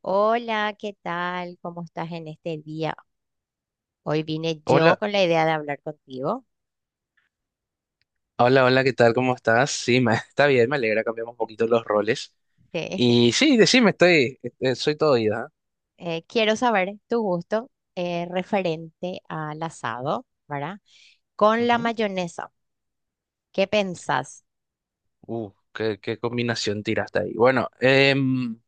Hola, ¿qué tal? ¿Cómo estás en este día? Hoy vine yo Hola, con la idea de hablar contigo. hola, hola, ¿qué tal? ¿Cómo estás? Sí, me- está bien, me alegra, cambiamos un poquito los roles. Sí. Y sí, decime, estoy, soy todo oído. Quiero saber tu gusto referente al asado, ¿verdad? Con la Ujú. mayonesa, ¿qué pensás? Qué combinación tiraste ahí. Bueno,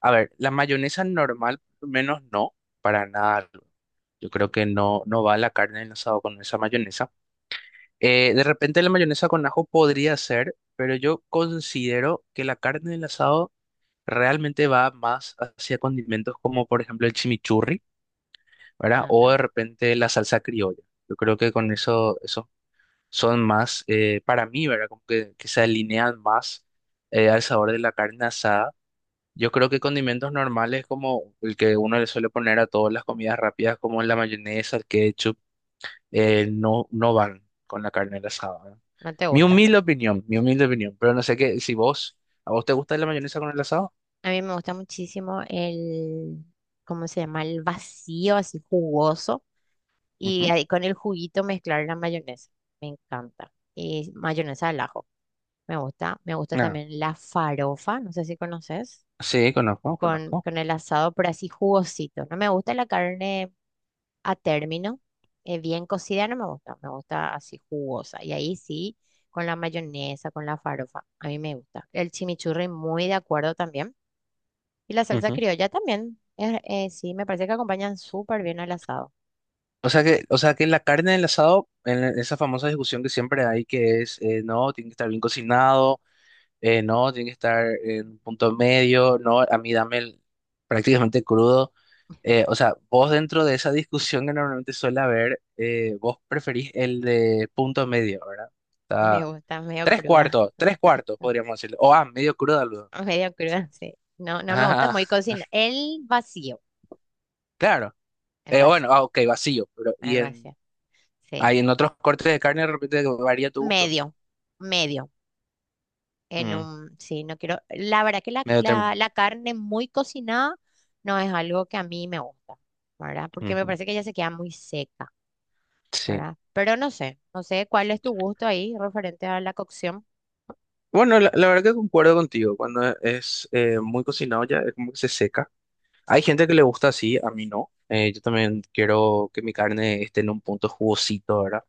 a ver, la mayonesa normal, por lo menos no, para nada. Yo creo que no va la carne del asado con esa mayonesa. De repente la mayonesa con ajo podría ser, pero yo considero que la carne del asado realmente va más hacia condimentos como por ejemplo el chimichurri, ¿verdad? Ah, me O de gusta. repente la salsa criolla. Yo creo que con eso, eso son más, para mí, ¿verdad? Como que se alinean más al sabor de la carne asada. Yo creo que condimentos normales como el que uno le suele poner a todas las comidas rápidas, como la mayonesa, el ketchup, no, no van con la carne asada, ¿verdad? No te gusta. Mi humilde opinión, pero no sé qué, si vos, ¿a vos te gusta la mayonesa con el asado? A mí me gusta muchísimo ¿cómo se llama? El vacío, así jugoso. Y Ujú. ahí con el juguito mezclar la mayonesa. Me encanta. Y mayonesa al ajo. Me gusta. Me gusta Ah, también la farofa. No sé si conoces. sí, conozco, Con, conozco. con el asado, pero así jugosito. No me gusta la carne a término. Bien cocida no me gusta. Me gusta así jugosa. Y ahí sí, con la mayonesa, con la farofa. A mí me gusta. El chimichurri, muy de acuerdo también. Y la salsa criolla también. Sí, me parece que acompañan súper bien al asado. O sea que la carne del asado, en esa famosa discusión que siempre hay, que es, no, tiene que estar bien cocinado, no, tiene que estar en un punto medio, no, a mí dame prácticamente crudo. O sea, vos dentro de esa discusión que normalmente suele haber, vos preferís el de punto medio, ¿verdad? Me Está, gusta, medio tres cruda. cuartos, tres cuartos, podríamos decirlo. O, ah, medio crudo, aludo. Medio cruda, sí. No, no me gusta Ah, muy cocina. Claro. el Bueno, vacío, ah, ok, vacío, pero, el vacío, sí. hay en otros cortes de carne de repente varía tu gusto. Medio, medio, en Mm. un, sí, no quiero, la verdad que la, Medio término. la, la carne muy cocinada no es algo que a mí me gusta, ¿verdad? Porque me Ujú. parece que ya se queda muy seca, Sí. ¿verdad? Pero no sé, no sé cuál es tu gusto ahí referente a la cocción. Bueno, la verdad que concuerdo contigo. Cuando es muy cocinado ya es como que se seca. Hay gente que le gusta así, a mí no. Yo también quiero que mi carne esté en un punto jugosito, ¿verdad?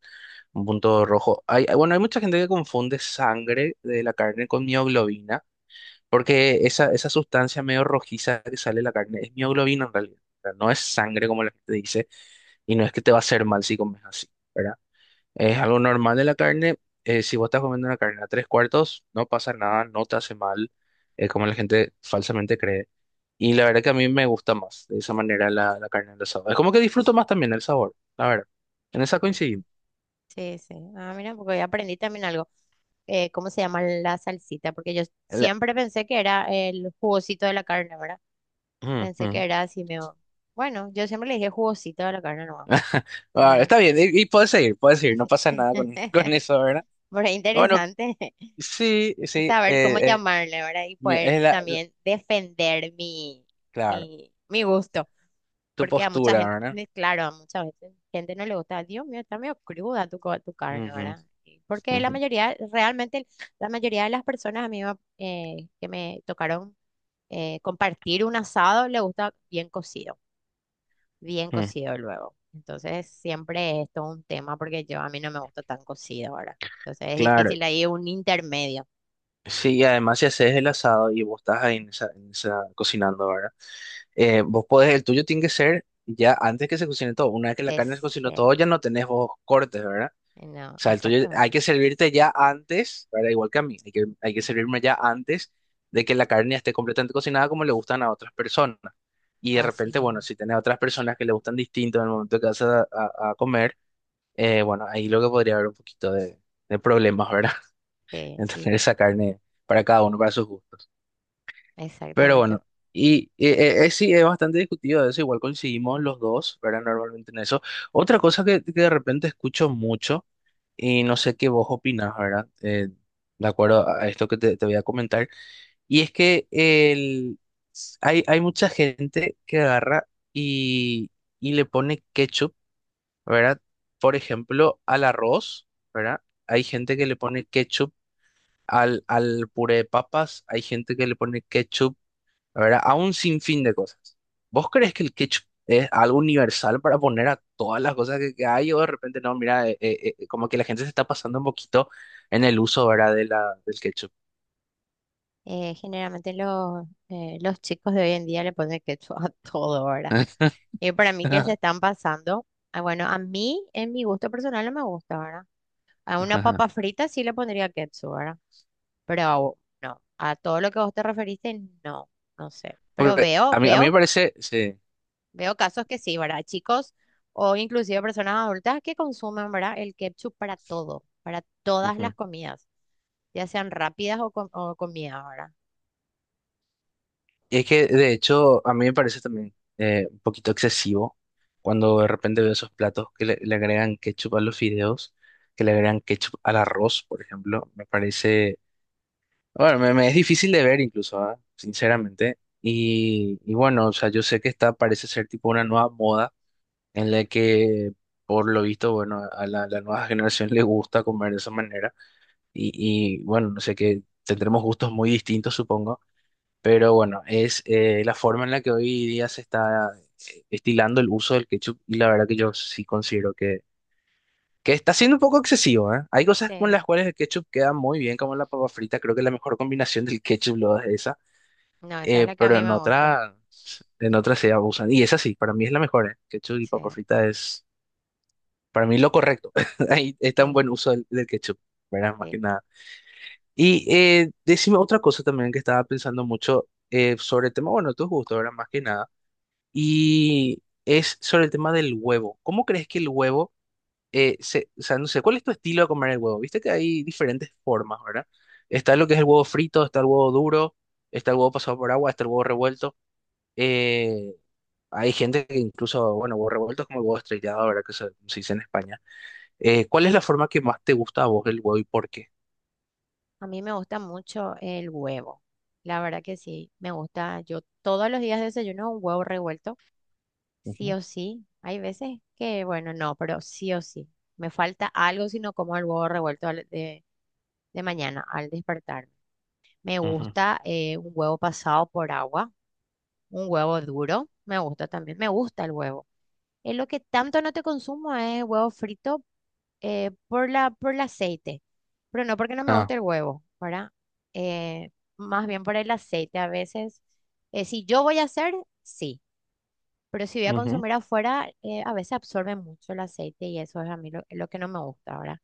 Un punto rojo. Hay, bueno, hay mucha gente que confunde sangre de la carne con mioglobina, porque esa sustancia medio rojiza que sale de la carne es mioglobina en realidad. O sea, no es sangre como la gente dice, y no es que te va a hacer mal si comes así, ¿verdad? Es algo normal de la carne. Si vos estás comiendo una carne a tres cuartos, no pasa nada, no te hace mal, como la gente falsamente cree. Y la verdad que a mí me gusta más de esa manera la, la carne del asado. Es como que disfruto más también el sabor, la verdad. En esa Ujú. coincidimos. Sí, sí. Ah, mira, porque hoy aprendí también algo. ¿Cómo se llama la salsita? Porque yo La- siempre pensé que era el jugosito de la carne, ¿verdad? Mm, Pensé que mm. era así. Bueno, yo siempre le dije jugosito a la carne nomás, Ah, ¿verdad? está bien, y puedes seguir, no pasa nada con, con eso, ¿verdad? Pero es Bueno, interesante. sí, sí, Saber cómo llamarle, ¿verdad? Y mi- poder es la, la- también defender mi, claro, mi, mi gusto. tu Porque a mucha postura, gente, ¿verdad? claro, a mucha gente no le gusta, Dios mío, está medio cruda tu carne, Ujú, ¿verdad? Y porque la ujú, mayoría, realmente, la mayoría de las personas a que me tocaron compartir un asado le gusta bien cocido, bien mm. cocido luego. Entonces, siempre es todo un tema porque yo a mí no me gusta tan cocido ahora. Entonces, es Claro. difícil ahí un intermedio. Sí, y además si haces el asado y vos estás ahí en esa, en cocinando, ¿verdad? Vos podés, el tuyo tiene que ser ya antes que se cocine todo. Una vez que la carne se Es, cocinó todo, eh, ya no tenés vos cortes, ¿verdad? no, O sea, el tuyo hay exactamente, que servirte ya antes, ¿verdad? Igual que a mí, hay que servirme ya antes de que la carne ya esté completamente cocinada como le gustan a otras personas. Y de así repente, bueno, mismo. si tenés otras personas que le gustan distinto en el momento que vas a, a comer, bueno, ahí lo que podría haber un poquito de problemas, ¿verdad? Sí, En y tener esa carne para cada uno, para sus gustos. Pero exactamente. bueno, y sí, es bastante discutido eso, igual coincidimos los dos, ¿verdad? Normalmente en eso. Otra cosa que de repente escucho mucho, y no sé qué vos opinás, ¿verdad? De acuerdo a esto que te voy a comentar, y es que el, hay mucha gente que agarra y le pone ketchup, ¿verdad? Por ejemplo, al arroz, ¿verdad? Hay gente que le pone ketchup al, al puré de papas, hay gente que le pone ketchup, ¿verdad? A un sinfín de cosas. ¿Vos crees que el ketchup es algo universal para poner a todas las cosas que hay? O de repente, no, mira, como que la gente se está pasando un poquito en el uso, ¿verdad? De la, del ketchup. Generalmente los chicos de hoy en día le ponen ketchup a todo ahora. Y para mí que se Ajá. están pasando. Ah, bueno, a mí en mi gusto personal no me gusta ahora. A una papa frita sí le pondría ketchup, ¿verdad? Pero a no, a todo lo que vos te referiste, no, no sé. Pero Porque veo, a mí veo, me parece, sí. veo casos que sí, ¿verdad? Chicos o inclusive personas adultas que consumen, ¿verdad? El ketchup para todo, para todas las Ujú. comidas, ya sean rápidas o comidas, ¿verdad? Y es que, de hecho, a mí me parece también un poquito excesivo cuando de repente veo esos platos que le agregan ketchup a los fideos, que le agregan ketchup al arroz, por ejemplo. Me parece. Bueno, me es difícil de ver incluso, ah, sinceramente. Y bueno, o sea, yo sé que está, parece ser tipo una nueva moda en la que, por lo visto, bueno, a la, la nueva generación le gusta comer de esa manera. Y, y, bueno, no sé, que tendremos gustos muy distintos, supongo. Pero bueno, es la forma en la que hoy día se está estilando el uso del ketchup, y la verdad que yo sí considero que está siendo un poco excesivo, ¿eh? Hay Sí, cosas con las cuales el ketchup queda muy bien, como la papa frita. Creo que la mejor combinación del ketchup lo es esa, no, esa es la que a pero mí me gusta. En otra se abusan. Y esa sí, para mí es la mejor, ¿eh? Ketchup y Sí, papa frita es, para mí, lo correcto. Ahí está un sí, buen uso del, del ketchup, ¿verdad? Más sí. que nada. Y decime otra cosa también que estaba pensando mucho sobre el tema, bueno, tus gustos, ¿verdad? Más que nada. Y es sobre el tema del huevo. ¿Cómo crees que el huevo, o sea, no sé, ¿cuál es tu estilo de comer el huevo? Viste que hay diferentes formas, ¿verdad? Está lo que es el huevo frito, está el huevo duro, está el huevo pasado por agua, está el huevo revuelto. eh, Hay gente que incluso, bueno, huevos revueltos como el huevo estrellado, verdad que se dice en España. ¿Cuál es la forma que más te gusta a vos del huevo y por qué? A mí me gusta mucho el huevo. La verdad que sí, me gusta. Yo todos los días desayuno un huevo revuelto, sí Ujú. o sí. Hay veces que, bueno, no, pero sí o sí. Me falta algo si no como el huevo revuelto de mañana al despertarme. Me Ujú. gusta un huevo pasado por agua, un huevo duro. Me gusta también. Me gusta el huevo. Es lo que tanto no te consumo es huevo frito, por por el aceite. Pero no porque no me Ah, guste el huevo, ¿verdad? Eh, Más bien por el aceite. A veces, si yo voy a hacer, sí. Pero si voy a ujú. consumir afuera, a veces absorbe mucho el aceite y eso es a mí lo que no me gusta ahora.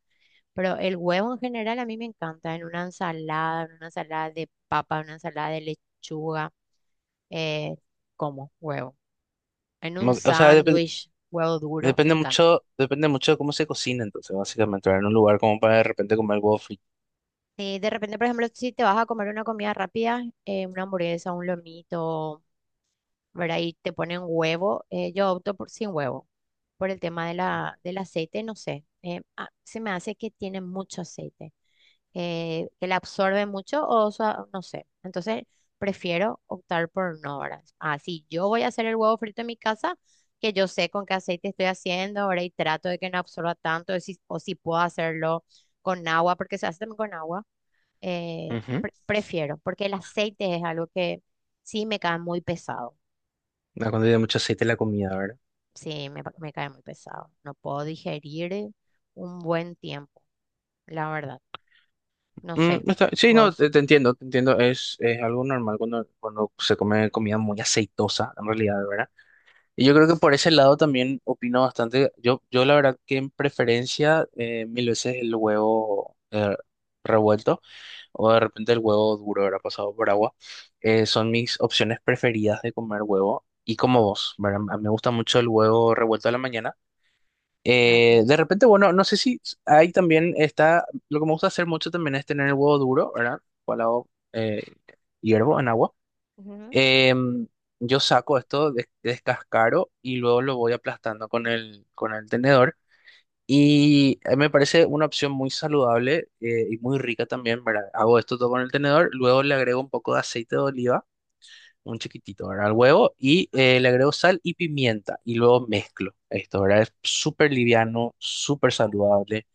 Pero el huevo en general a mí me encanta en una ensalada de papa, en una ensalada de lechuga, eh, como huevo. En un mo- o sea, depen- sándwich, huevo duro, me Depende encanta. mucho, depende mucho de cómo se cocina, entonces, básicamente, ¿verdad? En un lugar como para de repente comer huevo frito. Y de repente, por ejemplo, si te vas a comer una comida rápida, una hamburguesa, un lomito, ¿verdad? Y te ponen huevo. Yo opto por sin huevo, por el tema de del aceite, no sé. Se me hace que tiene mucho aceite, que la absorbe mucho sea, no sé. Entonces, prefiero optar por no, ¿verdad? Ah, si yo voy a hacer el huevo frito en mi casa, que yo sé con qué aceite estoy haciendo, ¿verdad? Y trato de que no absorba tanto, o si puedo hacerlo con agua, porque se hace también con agua. Ujú. Prefiero, porque el aceite es algo que sí me cae muy pesado. Ah, cuando tiene mucho aceite la comida, ¿verdad? Sí, me cae muy pesado. No puedo digerir un buen tiempo, la verdad. No sé, Mm, sí, no, vos. te entiendo, te entiendo. Es algo normal cuando, cuando se come comida muy aceitosa, en realidad, ¿verdad? Y yo creo que por ese lado también opino bastante. Yo la verdad que en preferencia mil veces el huevo revuelto o de repente el huevo duro, ahora pasado por agua, son mis opciones preferidas de comer huevo. Y como vos, ¿verdad? A mí me gusta mucho el huevo revuelto a la mañana. Ah, toma. De repente, bueno, no sé si hay también está, lo que me gusta hacer mucho también es tener el huevo duro, ¿verdad? Cual hago, hiervo en agua. Ujú. Em, yo saco esto de, descascaro y luego lo voy aplastando con el tenedor. Y me parece una opción muy saludable y muy rica también, ¿verdad? Hago esto todo con el tenedor, luego le agrego un poco de aceite de oliva, un chiquitito, ¿verdad? Al huevo y le agrego sal y pimienta y luego mezclo esto, ¿verdad? Es súper liviano, súper saludable,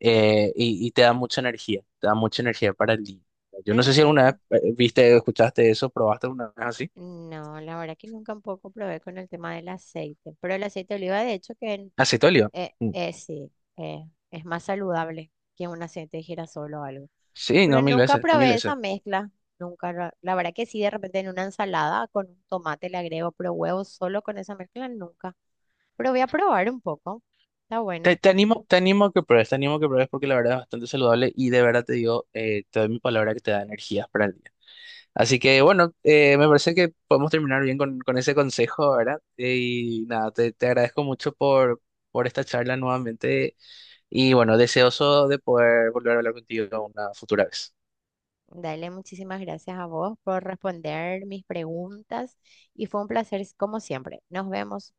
y te da mucha energía, te da mucha energía para el día. Yo no ¿En sé si alguna serio? vez viste, escuchaste eso, probaste una vez así. No, la verdad que nunca un poco probé con el tema del aceite, pero el aceite de oliva de hecho que Acetolio. Mm. Sí, eh, es más saludable que un aceite de girasol o algo. Sí, Pero no, mil nunca veces, mil probé veces. esa mezcla, nunca. La verdad que sí, de repente en una ensalada con un tomate le agrego, pero huevos solo con esa mezcla nunca. Pero voy a probar un poco, está Te, buena. Te animo a que pruebes, te animo a que pruebes porque la verdad es bastante saludable y de verdad te digo, te doy mi palabra que te da energías para el día. Así que bueno, me parece que podemos terminar bien con ese consejo, ¿verdad? Y nada, te agradezco mucho por esta charla nuevamente y bueno, deseoso de poder volver a hablar contigo una futura vez. Dale, muchísimas gracias a vos por responder mis preguntas y fue un placer como siempre. Nos vemos.